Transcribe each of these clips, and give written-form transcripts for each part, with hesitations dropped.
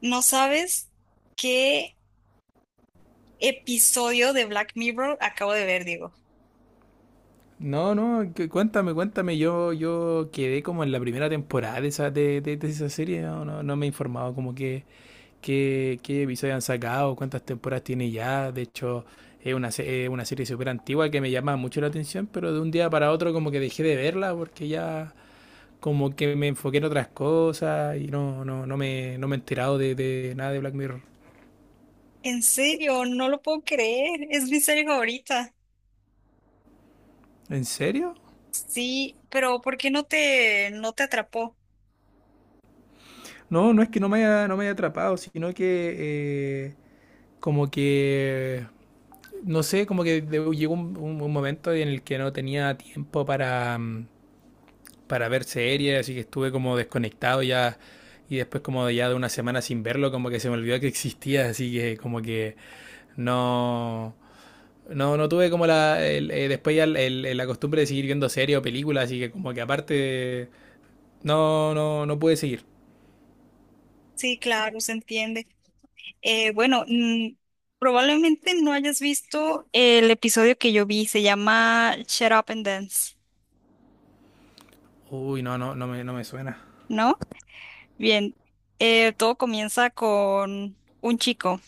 No sabes qué episodio de Black Mirror acabo de ver, Diego. No, no, cuéntame, cuéntame. Yo quedé como en la primera temporada de esa, de esa serie. No, no, no me he informado como qué episodios han sacado, cuántas temporadas tiene ya. De hecho, es una, es una serie súper antigua que me llama mucho la atención, pero de un día para otro como que dejé de verla porque ya como que me enfoqué en otras cosas y no, no, no me he enterado de nada de Black Mirror. En serio, no lo puedo creer. Es mi serie favorita. ¿En serio? Sí, pero ¿por qué no te atrapó? No, no es que no me haya atrapado, sino que eh, como que no sé, como que llegó un, un momento en el que no tenía tiempo para, para ver series, así que estuve como desconectado ya. Y después como ya de una semana sin verlo, como que se me olvidó que existía, así que como que no... No, no tuve como después ya la costumbre de seguir viendo series o películas, así que como que aparte... No, no, no pude seguir. Sí, claro, se entiende. Eh, bueno, mm, Probablemente no hayas visto el episodio que yo vi. Se llama Shut Up and Dance, Uy, no, no, no me suena. ¿no? Bien, todo comienza con un chico.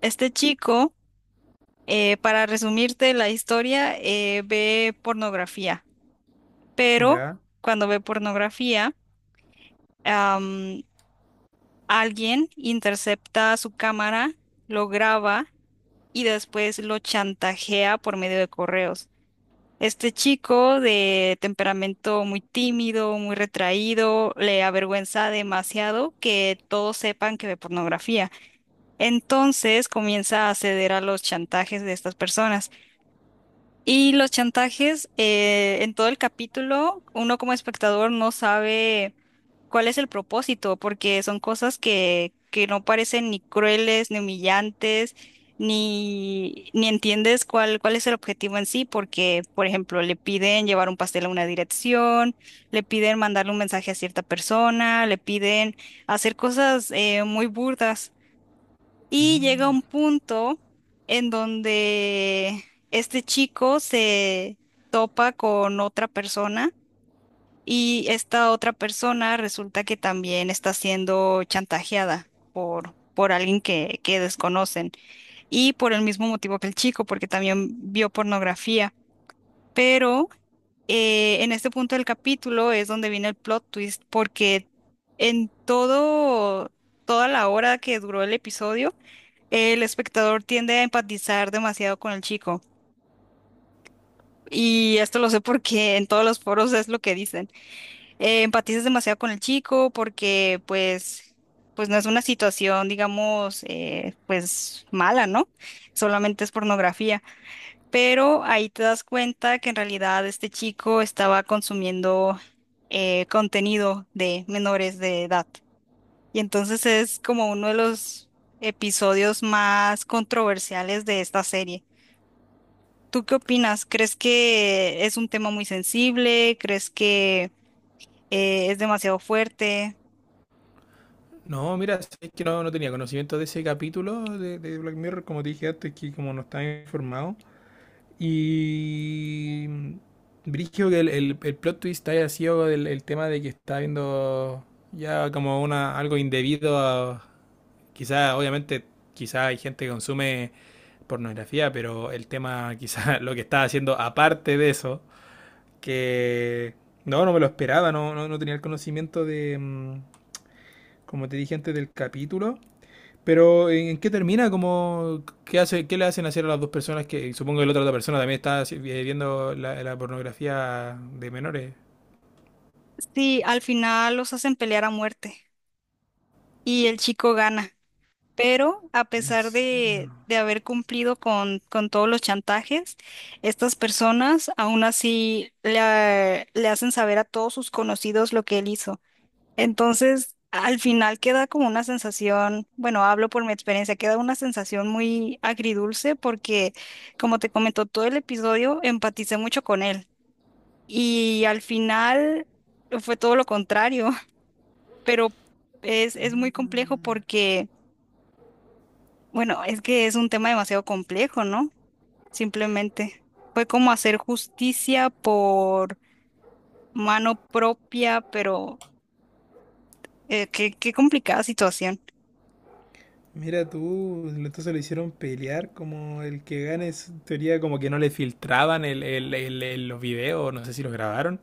Este chico para resumirte la historia, ve pornografía, pero ¿Ya? cuando ve pornografía, am, alguien intercepta su cámara, lo graba y después lo chantajea por medio de correos. Este chico de temperamento muy tímido, muy retraído, le avergüenza demasiado que todos sepan que ve pornografía. Entonces comienza a ceder a los chantajes de estas personas. Y los chantajes, en todo el capítulo, uno como espectador no sabe cuál es el propósito, porque son cosas que no parecen ni crueles, ni humillantes, ni entiendes cuál es el objetivo en sí, porque, por ejemplo, le piden llevar un pastel a una dirección, le piden mandarle un mensaje a cierta persona, le piden hacer cosas muy burdas. Y llega un punto en donde este chico se topa con otra persona y esta otra persona resulta que también está siendo chantajeada por alguien que desconocen y por el mismo motivo que el chico, porque también vio pornografía. Pero en este punto del capítulo es donde viene el plot twist, porque en todo, toda la hora que duró el episodio, el espectador tiende a empatizar demasiado con el chico. Y esto lo sé porque en todos los foros es lo que dicen. Empatizas demasiado con el chico porque pues, pues no es una situación, digamos, pues mala, ¿no? Solamente es pornografía. Pero ahí te das cuenta que en realidad este chico estaba consumiendo contenido de menores de edad. Y entonces es como uno de los episodios más controversiales de esta serie. ¿Tú qué opinas? ¿Crees que es un tema muy sensible? ¿Crees que es demasiado fuerte? No, mira, sí, es que no, no tenía conocimiento de ese capítulo de Black Mirror, como te dije antes, que como no estaba informado. Y. mm, que el plot twist haya sido el tema de que está viendo ya como una algo indebido a. Quizá, obviamente, quizá hay gente que consume pornografía, pero el tema, quizá lo que estaba haciendo aparte de eso, que. No, no me lo esperaba, no, no, no tenía el conocimiento como te dije antes del capítulo. Pero ¿en qué termina? ¿Cómo, qué hace, qué le hacen hacer a las dos personas que supongo que otra persona también está viendo la, la pornografía de menores? Sí, al final los hacen pelear a muerte y el chico gana. Pero a ¿En pesar serio? de haber cumplido con todos los chantajes, estas personas aún así le hacen saber a todos sus conocidos lo que él hizo. Entonces, al final queda como una sensación, bueno, hablo por mi experiencia, queda una sensación muy agridulce porque, como te comentó todo el episodio, empaticé mucho con él. Y al final fue todo lo contrario, pero es muy complejo porque, bueno, es que es un tema demasiado complejo, ¿no? Simplemente fue como hacer justicia por mano propia, pero qué complicada situación. Mira tú, entonces lo hicieron pelear como el que gane es teoría. Como que no le filtraban el, los videos, no sé si los grabaron.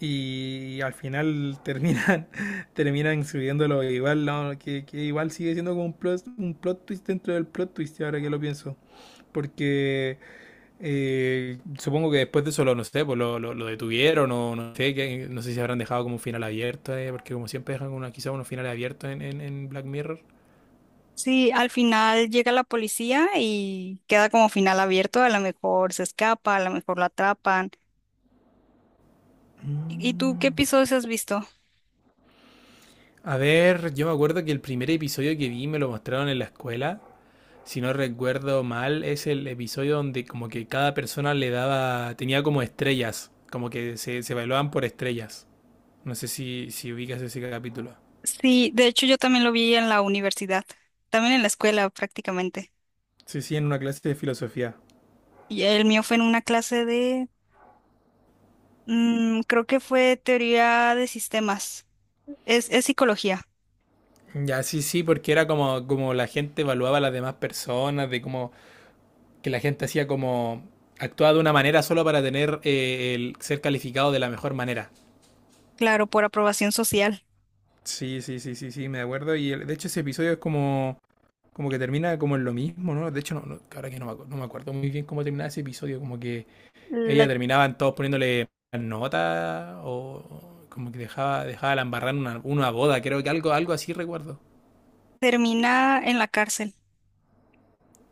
Y al final terminan terminan subiéndolo igual, no, que igual sigue siendo como un plot twist dentro del plot twist ahora que lo pienso, porque supongo que después de eso lo, no sé, pues lo, lo detuvieron o no sé, que, no sé si habrán dejado como un final abierto, porque como siempre dejan una, quizá unos finales abiertos en Black Mirror. Sí, al final llega la policía y queda como final abierto. A lo mejor se escapa, a lo mejor lo atrapan. ¿Y tú qué episodios has visto? A ver, yo me acuerdo que el primer episodio que vi me lo mostraron en la escuela. Si no recuerdo mal, es el episodio donde como que cada persona le daba, tenía como estrellas, como que se evaluaban por estrellas. No sé si, si ubicas ese capítulo. Sí, de hecho yo también lo vi en la universidad, también en la escuela prácticamente. Sí, sí, en una clase de filosofía. Y el mío fue en una clase de, creo que fue teoría de sistemas. Es psicología, Ya, sí, sí, porque era como, como la gente evaluaba a las demás personas, de cómo que la gente hacía como actuaba de una manera solo para tener el ser calificado de la mejor manera. claro, por aprobación social. Sí, sí, sí, sí, sí, me acuerdo. De hecho ese episodio es como, como que termina como en lo mismo, ¿no? De hecho, ahora que no me, no me acuerdo muy bien cómo terminaba ese episodio, como que La ella terminaban todos poniéndole nota o como que dejaba, dejaba la embarrar en una boda, creo que algo, algo así recuerdo. Termina en la cárcel,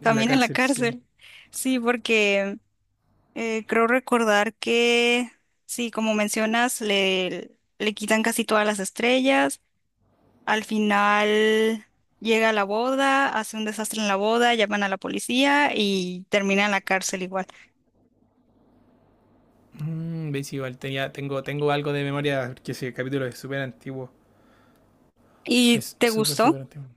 En la también en la cárcel, sí. cárcel. Sí, porque creo recordar que, sí, como mencionas, le quitan casi todas las estrellas. Al final llega a la boda, hace un desastre en la boda, llaman a la policía y termina en la cárcel igual. Mm, ¿veis? Igual tenía, tengo, tengo algo de memoria, porque ese capítulo es súper antiguo. ¿Y Es te súper, gustó? súper antiguo.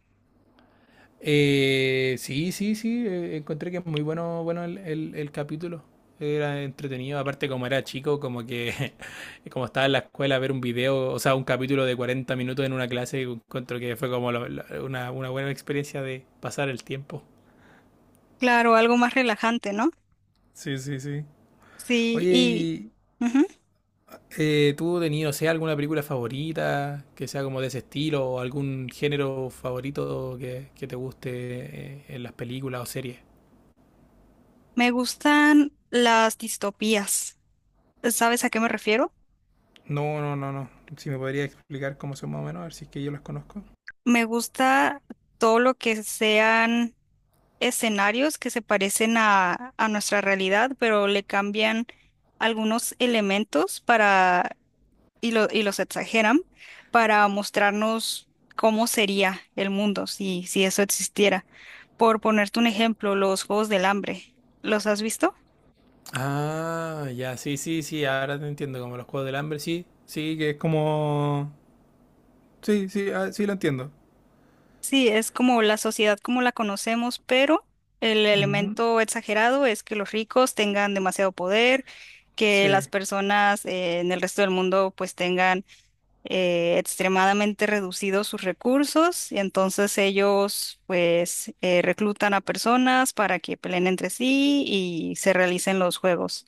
Sí, sí, sí, encontré que es muy bueno, bueno el, el capítulo. Era entretenido, aparte como era chico, como que como estaba en la escuela ver un video, o sea, un capítulo de 40 minutos en una clase, encuentro que fue como una buena experiencia de pasar el tiempo. Claro, algo más relajante, ¿no? Sí, sí, sí. Sí, y Oye, ujú. ¿Tú tenido, no sea, alguna película favorita que sea como de ese estilo o algún género favorito que te guste en las películas o series? Me gustan las distopías. ¿Sabes a qué me refiero? No, no, no, no. Si me podría explicar cómo son más o menos, a ver si es que yo las conozco. Me gusta todo lo que sean escenarios que se parecen a nuestra realidad, pero le cambian algunos elementos para, y, los exageran para mostrarnos cómo sería el mundo si, si eso existiera. Por ponerte un ejemplo, los Juegos del Hambre, ¿los has visto? Ah, ya, sí, sí, sí, ahora te entiendo, como los Juegos del Hambre, sí, sí, que es como... Sí, sí, ah, sí, lo entiendo. Sí, es como la sociedad como la conocemos, pero el Ujú, elemento exagerado es que los ricos tengan demasiado poder, que las sí. personas en el resto del mundo pues tengan extremadamente reducidos sus recursos y entonces ellos pues reclutan a personas para que peleen entre sí y se realicen los juegos.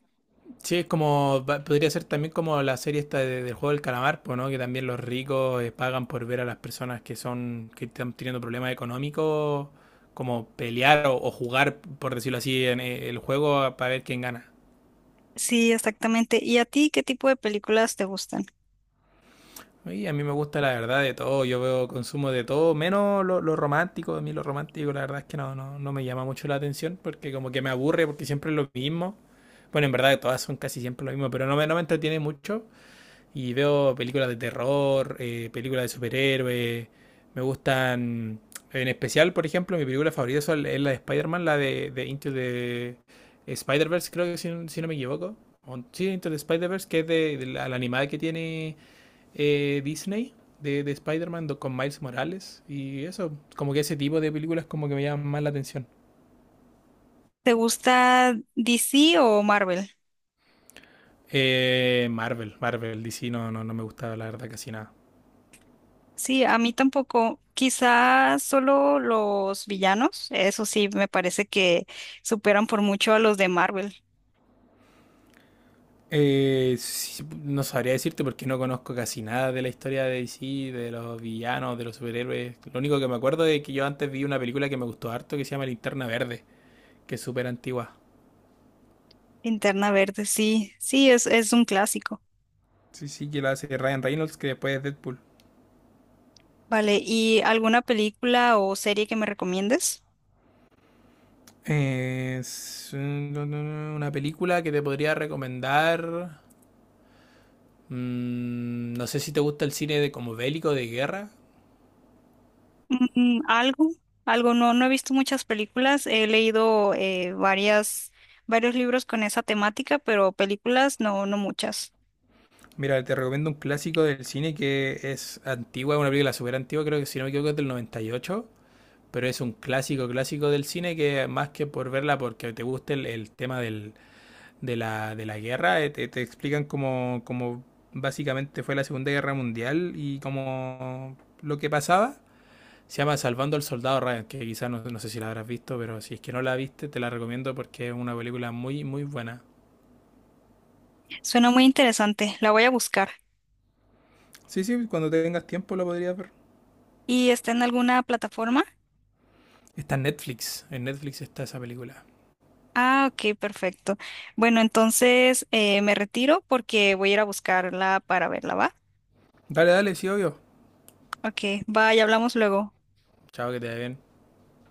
Sí, es como, podría ser también como la serie esta del juego del calamar, pues, ¿no? Que también los ricos pagan por ver a las personas que son, que están teniendo problemas económicos, como pelear o jugar, por decirlo así, en el juego para ver quién gana. Sí, exactamente. ¿Y a ti qué tipo de películas te gustan? Y a mí me gusta la verdad de todo, yo veo consumo de todo, menos lo romántico, a mí lo romántico la verdad es que no, no, no me llama mucho la atención porque como que me aburre porque siempre es lo mismo. Bueno, en verdad todas son casi siempre lo mismo, pero no me, no me entretiene mucho. Y veo películas de terror, películas de superhéroes. Me gustan. En especial, por ejemplo, mi película favorita es la de Spider-Man, la de Into the Spider-Verse, creo que si, si no me equivoco. Sí, Into the Spider-Verse, que es de la, la animada que tiene Disney de Spider-Man con Miles Morales. Y eso, como que ese tipo de películas como que me llaman más la atención. ¿Te gusta DC o Marvel? Marvel, Marvel, DC no, no, no me gusta la verdad casi nada. Sí, a mí tampoco. Quizás solo los villanos, eso sí, me parece que superan por mucho a los de Marvel. Sí, no sabría decirte porque no conozco casi nada de la historia de DC, de los villanos, de los superhéroes. Lo único que me acuerdo es que yo antes vi una película que me gustó harto que se llama Linterna Verde, que es súper antigua. Linterna Verde, sí, sí, es un clásico. Sí, sí, que la hace Ryan Reynolds, que después es Deadpool. Vale, ¿y alguna película o serie que me recomiendes? Es una película que te podría recomendar. Mm, no sé si te gusta el cine de como bélico de guerra. Mm, algo, algo, no, no he visto muchas películas, he leído varias, varios libros con esa temática, pero películas no, no muchas. Mira, te recomiendo un clásico del cine que es antigua, es una película súper antigua, creo que si no me equivoco es del 98, pero es un clásico clásico del cine que más que por verla porque te guste el tema del, de la guerra, te, te explican cómo, cómo básicamente fue la Segunda Guerra Mundial y cómo lo que pasaba. Se llama Salvando al Soldado Ryan, que quizás no, no sé si la habrás visto, pero si es que no la viste, te la recomiendo porque es una película muy, muy buena. Suena muy interesante, la voy a buscar. Sí, sí, cuando tengas tiempo la podrías ver. ¿Y está en alguna plataforma? Está en Netflix está esa película. Ah, ok, perfecto. Bueno, entonces me retiro porque voy a ir a buscarla para verla, ¿va? Dale, dale, sí, obvio. Ok, bye, hablamos luego. Chao, que te vaya bien.